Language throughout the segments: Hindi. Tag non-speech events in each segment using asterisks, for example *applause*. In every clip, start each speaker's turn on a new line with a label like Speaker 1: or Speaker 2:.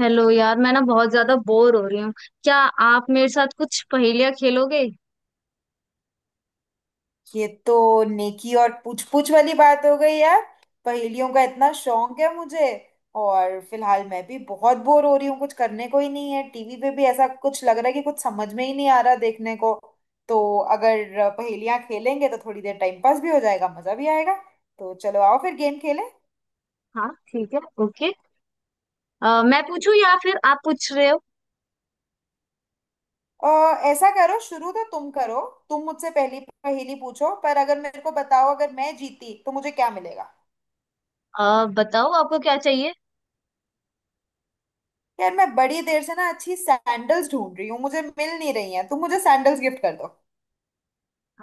Speaker 1: हेलो यार, मैं ना बहुत ज्यादा बोर हो रही हूँ। क्या आप मेरे साथ कुछ पहेलियाँ खेलोगे?
Speaker 2: ये तो नेकी और पूछ पूछ वाली बात हो गई यार। पहेलियों का इतना शौक है मुझे। और फिलहाल मैं भी बहुत बोर हो रही हूँ, कुछ करने को ही नहीं है। टीवी पे भी ऐसा कुछ लग रहा है कि कुछ समझ में ही नहीं आ रहा देखने को। तो अगर पहेलियाँ खेलेंगे तो थोड़ी देर टाइम पास भी हो जाएगा, मजा भी आएगा। तो चलो आओ फिर गेम खेलें।
Speaker 1: हाँ ठीक है, ओके। मैं पूछूं या फिर आप पूछ रहे हो?
Speaker 2: अ, ऐसा करो, शुरू तो तुम करो। तुम मुझसे पहली पहेली पूछो, पर अगर मेरे को बताओ, अगर मैं जीती तो मुझे क्या मिलेगा।
Speaker 1: बताओ आपको क्या चाहिए।
Speaker 2: यार, मैं बड़ी देर से ना अच्छी सैंडल्स ढूंढ रही हूँ, मुझे मिल नहीं रही हैं। तुम मुझे सैंडल्स गिफ्ट कर दो।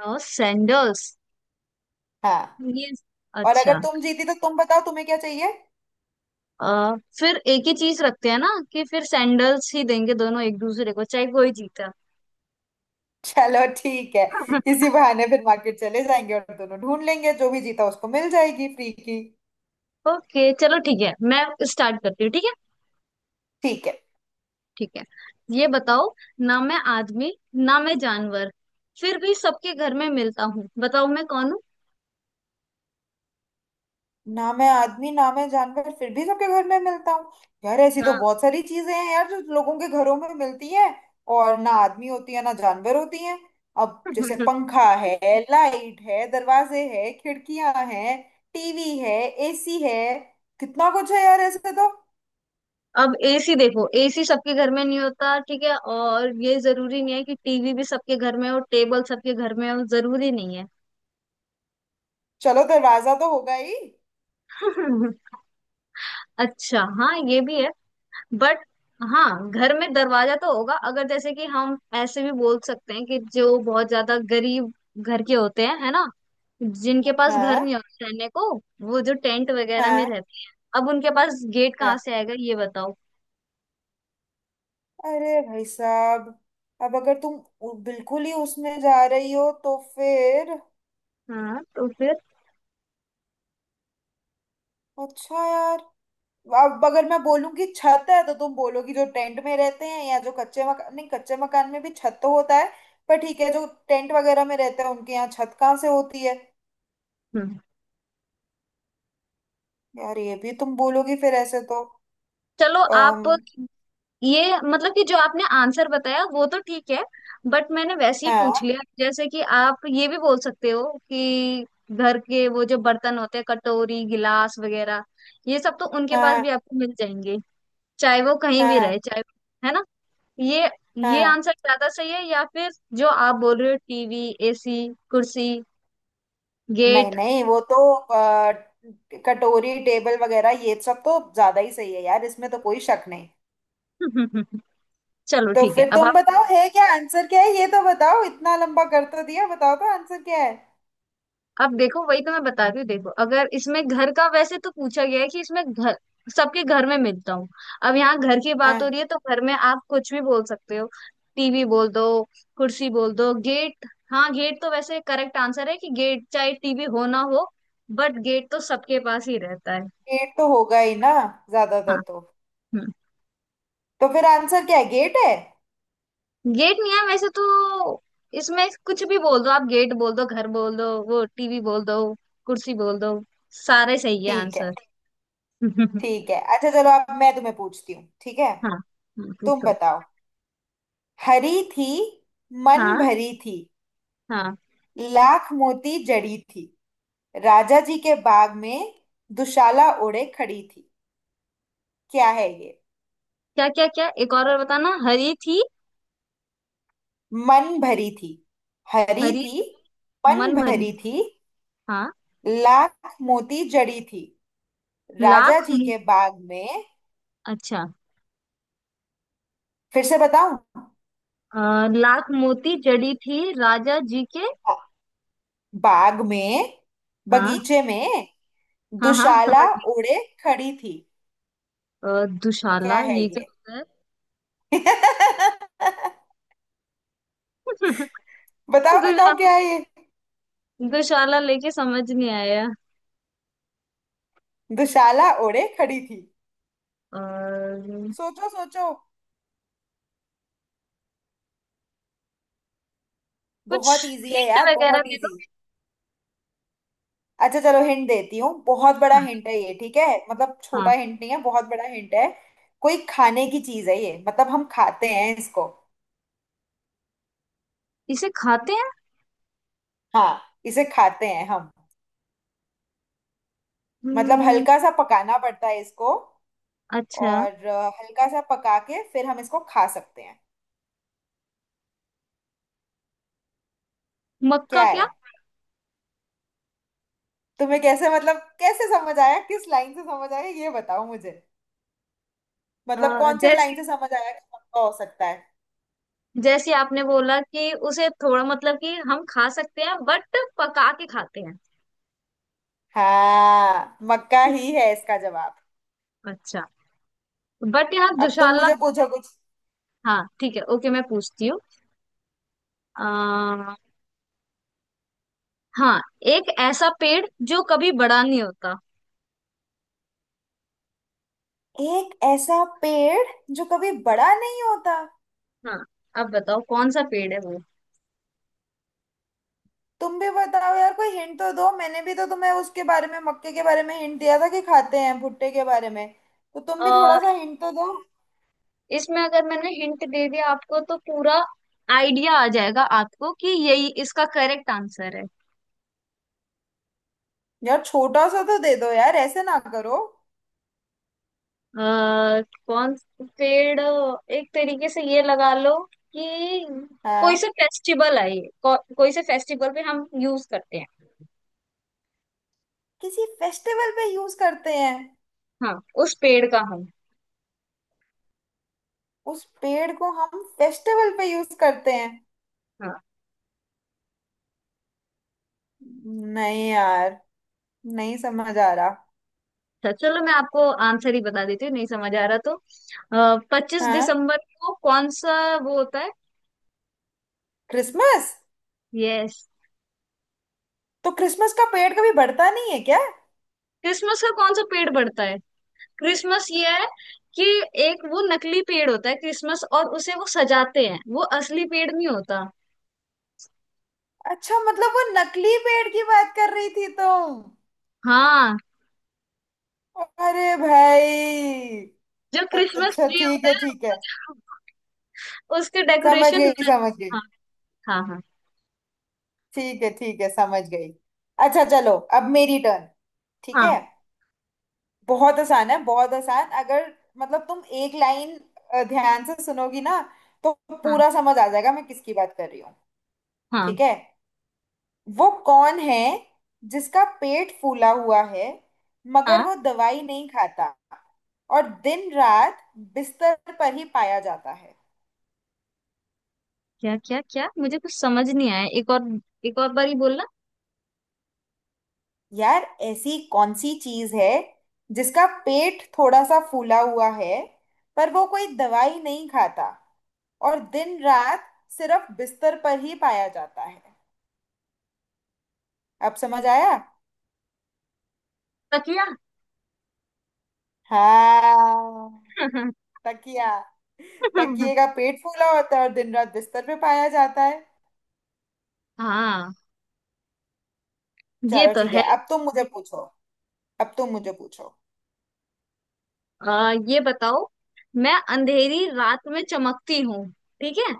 Speaker 1: सैंडल्स?
Speaker 2: हाँ।
Speaker 1: ये?
Speaker 2: और अगर
Speaker 1: अच्छा।
Speaker 2: तुम जीती तो तुम बताओ तुम्हें क्या चाहिए।
Speaker 1: फिर एक ही चीज रखते हैं ना, कि फिर सैंडल्स ही देंगे दोनों एक दूसरे को, चाहे कोई जीता।
Speaker 2: चलो ठीक है।
Speaker 1: *laughs*
Speaker 2: इसी बहाने फिर मार्केट चले जाएंगे और दोनों ढूंढ लेंगे, जो भी जीता उसको मिल जाएगी फ्री की।
Speaker 1: ओके चलो ठीक है, मैं स्टार्ट करती हूँ, ठीक है?
Speaker 2: ठीक है।
Speaker 1: ठीक है। ये बताओ, ना मैं आदमी, ना मैं जानवर, फिर भी सबके घर में मिलता हूँ। बताओ मैं कौन हूँ।
Speaker 2: ना मैं आदमी, ना मैं जानवर, फिर भी सबके घर में मिलता हूँ। यार, ऐसी तो बहुत सारी चीजें हैं यार, जो लोगों के घरों में मिलती है और ना आदमी होती है ना जानवर होती है। अब जैसे
Speaker 1: हम्म,
Speaker 2: पंखा है, लाइट है, दरवाजे है, खिड़कियां हैं, टीवी है, एसी है। कितना कुछ है यार ऐसे तो।
Speaker 1: अब एसी देखो, एसी सबके घर में नहीं होता ठीक है, और ये जरूरी नहीं है कि टीवी भी सबके घर में हो, टेबल सबके घर में हो जरूरी नहीं है।
Speaker 2: चलो दरवाजा तो होगा ही।
Speaker 1: *laughs* अच्छा हाँ, ये भी है। बट हाँ, घर में दरवाजा तो होगा। अगर जैसे कि हम ऐसे भी बोल सकते हैं कि जो बहुत ज्यादा गरीब घर के होते हैं, है ना, जिनके पास घर
Speaker 2: हाँ।
Speaker 1: नहीं होता रहने को, वो जो टेंट वगैरह में
Speaker 2: हाँ।
Speaker 1: रहते हैं, अब उनके पास गेट कहाँ
Speaker 2: हाँ।
Speaker 1: से आएगा ये बताओ।
Speaker 2: अरे भाई साहब, अब अगर तुम बिल्कुल ही उसमें जा रही हो तो फिर।
Speaker 1: हाँ तो फिर।
Speaker 2: अच्छा यार, अब अगर मैं बोलूंगी छत है तो तुम बोलोगी जो टेंट में रहते हैं, या जो कच्चे मकान, नहीं, कच्चे मकान में भी छत तो होता है। पर ठीक है, जो टेंट वगैरह में रहते हैं उनके यहाँ छत कहाँ से होती है।
Speaker 1: हम्म,
Speaker 2: यार ये भी तुम बोलोगी फिर ऐसे तो।
Speaker 1: चलो
Speaker 2: अम,
Speaker 1: आप। ये मतलब कि जो आपने आंसर बताया वो तो ठीक है, बट मैंने वैसे ही
Speaker 2: हाँ।
Speaker 1: पूछ लिया, जैसे कि आप ये भी बोल सकते हो कि घर के वो जो बर्तन होते हैं, कटोरी गिलास वगैरह, ये सब तो उनके पास
Speaker 2: हाँ।
Speaker 1: भी आपको मिल जाएंगे, चाहे वो कहीं भी
Speaker 2: हाँ।
Speaker 1: रहे चाहे, है ना। ये ये
Speaker 2: हाँ।
Speaker 1: आंसर ज्यादा सही है या फिर जो आप बोल रहे हो, टीवी एसी कुर्सी
Speaker 2: नहीं
Speaker 1: गेट?
Speaker 2: नहीं, वो तो कटोरी, टेबल वगैरह ये सब तो ज्यादा ही सही है यार, इसमें तो कोई शक नहीं।
Speaker 1: *laughs* चलो
Speaker 2: तो
Speaker 1: ठीक है।
Speaker 2: फिर तुम बताओ है क्या आंसर, क्या है ये तो बताओ, इतना लंबा कर तो दिया, बताओ तो आंसर क्या है।
Speaker 1: अब देखो, वही तो मैं बता रही हूँ। देखो अगर इसमें घर का, वैसे तो पूछा गया है कि इसमें घर, सबके घर में मिलता हूँ। अब यहाँ घर की बात हो
Speaker 2: हाँ।
Speaker 1: रही है तो घर में आप कुछ भी बोल सकते हो। टीवी बोल दो, कुर्सी बोल दो, गेट। हाँ, गेट तो वैसे करेक्ट आंसर है कि गेट, चाहे टीवी हो ना हो, बट गेट तो सबके पास ही रहता है।
Speaker 2: गेट तो होगा ही ना, ज्यादातर
Speaker 1: हाँ।
Speaker 2: तो।
Speaker 1: हम्म।
Speaker 2: तो फिर आंसर क्या है, गेट है?
Speaker 1: गेट नहीं है वैसे तो, इसमें कुछ भी बोल दो आप, गेट बोल दो, घर बोल दो, वो टीवी बोल दो, कुर्सी बोल दो, सारे सही है
Speaker 2: ठीक है।
Speaker 1: आंसर। *laughs* हाँ।
Speaker 2: ठीक है, अच्छा चलो अब मैं तुम्हें पूछती हूँ, ठीक है?
Speaker 1: हाँ,
Speaker 2: तुम
Speaker 1: पूछो।
Speaker 2: बताओ। हरी थी, मन
Speaker 1: हाँ।
Speaker 2: भरी थी,
Speaker 1: हाँ।
Speaker 2: लाख मोती जड़ी थी, राजा जी के बाग में दुशाला ओढ़े खड़ी थी। क्या है ये?
Speaker 1: क्या क्या क्या, एक और बार बताना। हरी थी।
Speaker 2: मन भरी थी। हरी
Speaker 1: हरी।
Speaker 2: थी, मन
Speaker 1: मन भरी
Speaker 2: भरी
Speaker 1: थी।
Speaker 2: थी।
Speaker 1: हाँ।
Speaker 2: लाख मोती जड़ी थी, राजा
Speaker 1: लाख
Speaker 2: जी
Speaker 1: मो-।
Speaker 2: के बाग में।
Speaker 1: अच्छा।
Speaker 2: फिर से बताऊं?
Speaker 1: लाख मोती जड़ी थी राजा जी के।
Speaker 2: बाग में,
Speaker 1: हाँ,
Speaker 2: बगीचे में।
Speaker 1: हाँ हाँ,
Speaker 2: दुशाला
Speaker 1: समझ गई।
Speaker 2: ओढ़े खड़ी थी। क्या
Speaker 1: दुशाला
Speaker 2: है
Speaker 1: ये क्या
Speaker 2: ये?
Speaker 1: होता है?
Speaker 2: *laughs*
Speaker 1: *laughs*
Speaker 2: बताओ बताओ,
Speaker 1: दुशाला,
Speaker 2: क्या है ये?
Speaker 1: दुशाला लेके समझ नहीं आया।
Speaker 2: दुशाला ओढ़े खड़ी थी।
Speaker 1: और
Speaker 2: सोचो सोचो।
Speaker 1: कुछ?
Speaker 2: बहुत इजी है
Speaker 1: हिंट
Speaker 2: यार,
Speaker 1: वगैरह
Speaker 2: बहुत
Speaker 1: दे
Speaker 2: इजी।
Speaker 1: दो।
Speaker 2: अच्छा चलो हिंट देती हूँ। बहुत बड़ा
Speaker 1: हाँ।
Speaker 2: हिंट है ये, ठीक है, मतलब छोटा
Speaker 1: हाँ।
Speaker 2: हिंट नहीं है, बहुत बड़ा हिंट है। कोई खाने की चीज है ये, मतलब हम खाते हैं इसको।
Speaker 1: इसे खाते हैं?
Speaker 2: हाँ, इसे खाते हैं हम। मतलब
Speaker 1: हम्म,
Speaker 2: हल्का सा पकाना पड़ता है इसको।
Speaker 1: अच्छा।
Speaker 2: और हल्का सा पका के फिर हम इसको खा सकते हैं। क्या
Speaker 1: मक्का
Speaker 2: है?
Speaker 1: क्या?
Speaker 2: तुम्हें कैसे, मतलब कैसे समझ आया, किस लाइन से समझ आया, ये बताओ मुझे। मतलब कौन से
Speaker 1: जैसे,
Speaker 2: लाइन से समझ आया कि मक्का हो सकता है?
Speaker 1: जैसे आपने बोला कि उसे थोड़ा मतलब कि हम खा सकते हैं बट पका के खाते हैं।
Speaker 2: हाँ, मक्का ही है इसका जवाब।
Speaker 1: अच्छा। बट यहाँ
Speaker 2: अब तुम
Speaker 1: दुशाला।
Speaker 2: मुझे पूछो कुछ।
Speaker 1: हाँ ठीक है, ओके, मैं पूछती हूँ। अह, हाँ। एक ऐसा पेड़ जो कभी बड़ा नहीं होता।
Speaker 2: एक ऐसा पेड़ जो कभी बड़ा नहीं होता।
Speaker 1: हाँ। अब बताओ कौन सा पेड़ है वो।
Speaker 2: तुम भी बताओ यार, कोई हिंट तो दो। मैंने भी तो तुम्हें उसके बारे में, मक्के के बारे में हिंट दिया था कि खाते हैं, भुट्टे के बारे में। तो तुम भी थोड़ा
Speaker 1: अह,
Speaker 2: सा हिंट तो दो।
Speaker 1: इसमें अगर मैंने हिंट दे दिया आपको, तो पूरा आइडिया आ जाएगा आपको कि यही इसका करेक्ट आंसर है।
Speaker 2: यार छोटा सा तो दे दो यार, ऐसे ना करो।
Speaker 1: कौन पेड़? एक तरीके से ये लगा लो कि कोई
Speaker 2: हाँ।
Speaker 1: सा फेस्टिवल है ये को, कोई से फेस्टिवल पे हम यूज करते हैं।
Speaker 2: किसी फेस्टिवल पे यूज करते हैं?
Speaker 1: हाँ, उस पेड़ का हम।
Speaker 2: उस पेड़ को हम फेस्टिवल पे यूज करते हैं?
Speaker 1: हाँ।
Speaker 2: नहीं यार, नहीं समझ आ रहा।
Speaker 1: अच्छा चलो, मैं आपको आंसर ही बता देती हूँ, नहीं समझ आ रहा तो। पच्चीस
Speaker 2: हाँ।
Speaker 1: दिसंबर को कौन सा वो होता है?
Speaker 2: क्रिसमस।
Speaker 1: यस।
Speaker 2: तो क्रिसमस का पेड़ कभी बढ़ता नहीं है क्या?
Speaker 1: क्रिसमस का कौन सा पेड़ बढ़ता है? क्रिसमस ये है कि एक वो नकली पेड़ होता है क्रिसमस, और उसे वो सजाते हैं, वो असली पेड़ नहीं होता।
Speaker 2: अच्छा, मतलब वो नकली पेड़ की बात कर रही थी तुम।
Speaker 1: हाँ,
Speaker 2: अरे भाई।
Speaker 1: जो क्रिसमस
Speaker 2: अच्छा
Speaker 1: ट्री
Speaker 2: ठीक
Speaker 1: होता
Speaker 2: है
Speaker 1: है,
Speaker 2: ठीक है,
Speaker 1: वो जो उसके
Speaker 2: समझ
Speaker 1: डेकोरेशन।
Speaker 2: गई समझ गई।
Speaker 1: हाँ। हाँ हाँ।
Speaker 2: ठीक है ठीक है, समझ गई। अच्छा चलो अब मेरी टर्न। ठीक
Speaker 1: हाँ।
Speaker 2: है। बहुत आसान है, बहुत आसान। अगर मतलब तुम एक लाइन ध्यान से सुनोगी ना, तो
Speaker 1: हाँ।
Speaker 2: पूरा समझ आ जाएगा मैं किसकी बात कर रही हूँ।
Speaker 1: हाँ।
Speaker 2: ठीक है। वो कौन है जिसका पेट फूला हुआ है, मगर
Speaker 1: हाँ।
Speaker 2: वो दवाई नहीं खाता, और दिन रात बिस्तर पर ही पाया जाता है?
Speaker 1: क्या क्या क्या, मुझे कुछ समझ नहीं आया, एक और, एक और बार ही बोलना।
Speaker 2: यार, ऐसी कौन सी चीज है जिसका पेट थोड़ा सा फूला हुआ है, पर वो कोई दवाई नहीं खाता, और दिन रात सिर्फ बिस्तर पर ही पाया जाता है? अब समझ आया?
Speaker 1: तकिया।
Speaker 2: हाँ, तकिया।
Speaker 1: *laughs*
Speaker 2: तकिए का पेट फूला होता है और दिन रात बिस्तर पे पाया जाता है।
Speaker 1: हाँ, ये
Speaker 2: चलो
Speaker 1: तो
Speaker 2: ठीक
Speaker 1: है।
Speaker 2: है, अब तुम मुझे पूछो। अब तुम मुझे पूछो।
Speaker 1: आ, ये बताओ, मैं अंधेरी रात में चमकती हूँ, ठीक है,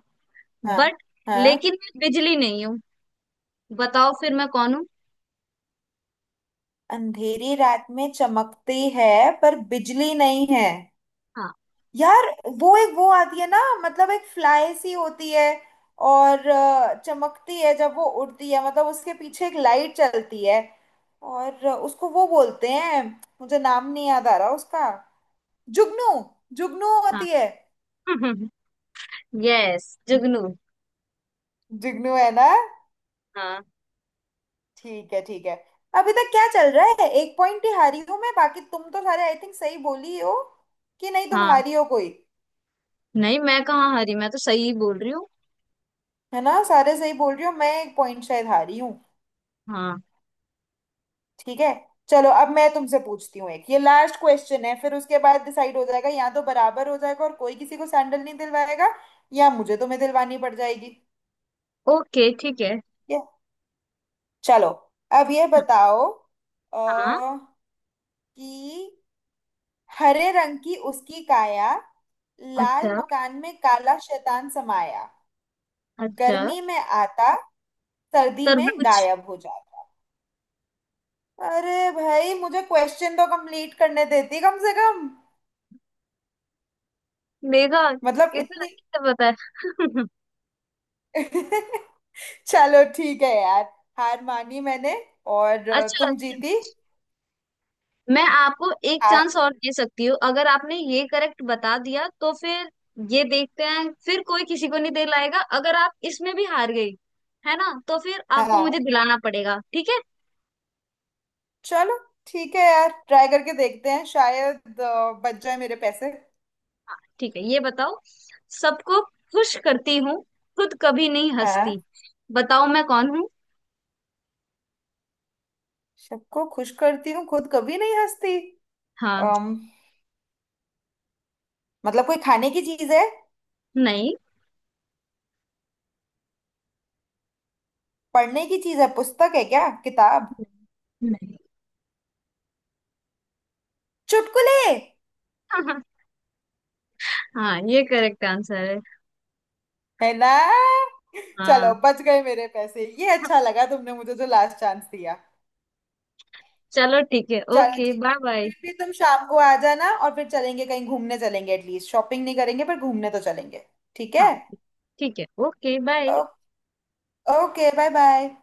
Speaker 2: हाँ।
Speaker 1: बट,
Speaker 2: हाँ।
Speaker 1: लेकिन मैं बिजली नहीं हूँ, बताओ फिर मैं कौन हूँ।
Speaker 2: अंधेरी रात में चमकती है, पर बिजली नहीं है।
Speaker 1: हाँ।
Speaker 2: यार, वो एक वो आती है ना, मतलब एक फ्लाई सी होती है, और चमकती है जब वो उड़ती है, मतलब उसके पीछे एक लाइट चलती है। और उसको वो बोलते हैं, मुझे नाम नहीं याद आ रहा उसका। जुगनू, जुगनू
Speaker 1: हाँ।
Speaker 2: होती है।
Speaker 1: *laughs* यस, जुगनू।
Speaker 2: जुगनू है ना?
Speaker 1: हाँ।
Speaker 2: ठीक है ठीक है। अभी तक क्या चल रहा है, एक पॉइंट ही हारी हूं मैं, बाकी तुम तो सारे आई थिंक सही बोली हो। कि नहीं, तुम
Speaker 1: हाँ,
Speaker 2: हारी हो कोई?
Speaker 1: नहीं, मैं कहाँ हरी, मैं तो सही बोल रही हूँ।
Speaker 2: है ना, सारे सही बोल रही हो, मैं एक पॉइंट शायद हारी हूँ।
Speaker 1: हाँ।
Speaker 2: ठीक है। चलो अब मैं तुमसे पूछती हूँ, एक ये लास्ट क्वेश्चन है। फिर उसके बाद डिसाइड हो जाएगा, या तो बराबर हो जाएगा और कोई किसी को सैंडल नहीं दिलवाएगा, या मुझे तुम्हें दिलवानी पड़ जाएगी।
Speaker 1: ओके ठीक है।
Speaker 2: ठीक है। चलो। अब ये बताओ
Speaker 1: हाँ।
Speaker 2: अ, कि हरे रंग की उसकी काया, लाल
Speaker 1: अच्छा
Speaker 2: मकान में काला शैतान समाया,
Speaker 1: अच्छा।
Speaker 2: गर्मी में आता, सर्दी में
Speaker 1: तरबूज।
Speaker 2: गायब हो जाता। अरे भाई, मुझे क्वेश्चन तो कंप्लीट करने देती कम से कम।
Speaker 1: देखा
Speaker 2: मतलब
Speaker 1: कितना
Speaker 2: इतनी।
Speaker 1: अच्छे से पता है।
Speaker 2: *laughs* चलो ठीक है यार, हार मानी मैंने। और
Speaker 1: *laughs* अच्छा
Speaker 2: तुम
Speaker 1: अच्छा,
Speaker 2: जीती।
Speaker 1: मैं आपको एक
Speaker 2: हार।
Speaker 1: चांस और दे सकती हूँ, अगर आपने ये करेक्ट बता दिया तो फिर, ये देखते हैं, फिर कोई किसी को नहीं दिलाएगा, अगर आप इसमें भी हार गई, है ना, तो फिर आपको
Speaker 2: हाँ
Speaker 1: मुझे दिलाना पड़ेगा, ठीक है।
Speaker 2: चलो ठीक है यार, ट्राई करके देखते हैं, शायद बच जाए मेरे पैसे।
Speaker 1: हाँ ठीक है, ये बताओ, सबको खुश करती हूँ, खुद कभी नहीं
Speaker 2: हाँ।
Speaker 1: हंसती, बताओ मैं कौन हूँ।
Speaker 2: सबको खुश करती हूँ, खुद कभी नहीं हंसती।
Speaker 1: हाँ।
Speaker 2: मतलब कोई खाने की चीज है?
Speaker 1: नहीं।
Speaker 2: पढ़ने की चीज है, पुस्तक है क्या, किताब?
Speaker 1: नहीं।
Speaker 2: चुटकुले।
Speaker 1: *laughs* हाँ, ये करेक्ट आंसर है।
Speaker 2: है ना? चलो
Speaker 1: हाँ।
Speaker 2: बच गए मेरे पैसे। ये अच्छा लगा, तुमने मुझे जो लास्ट चांस दिया।
Speaker 1: चलो ठीक है,
Speaker 2: चलो
Speaker 1: ओके,
Speaker 2: जी।
Speaker 1: Bye bye.
Speaker 2: फिर भी तुम शाम को आ जाना और फिर चलेंगे कहीं घूमने चलेंगे, एटलीस्ट शॉपिंग नहीं करेंगे पर घूमने तो चलेंगे। ठीक है।
Speaker 1: हाँ ठीक है, ओके बाय।
Speaker 2: ओ, ओके बाय बाय।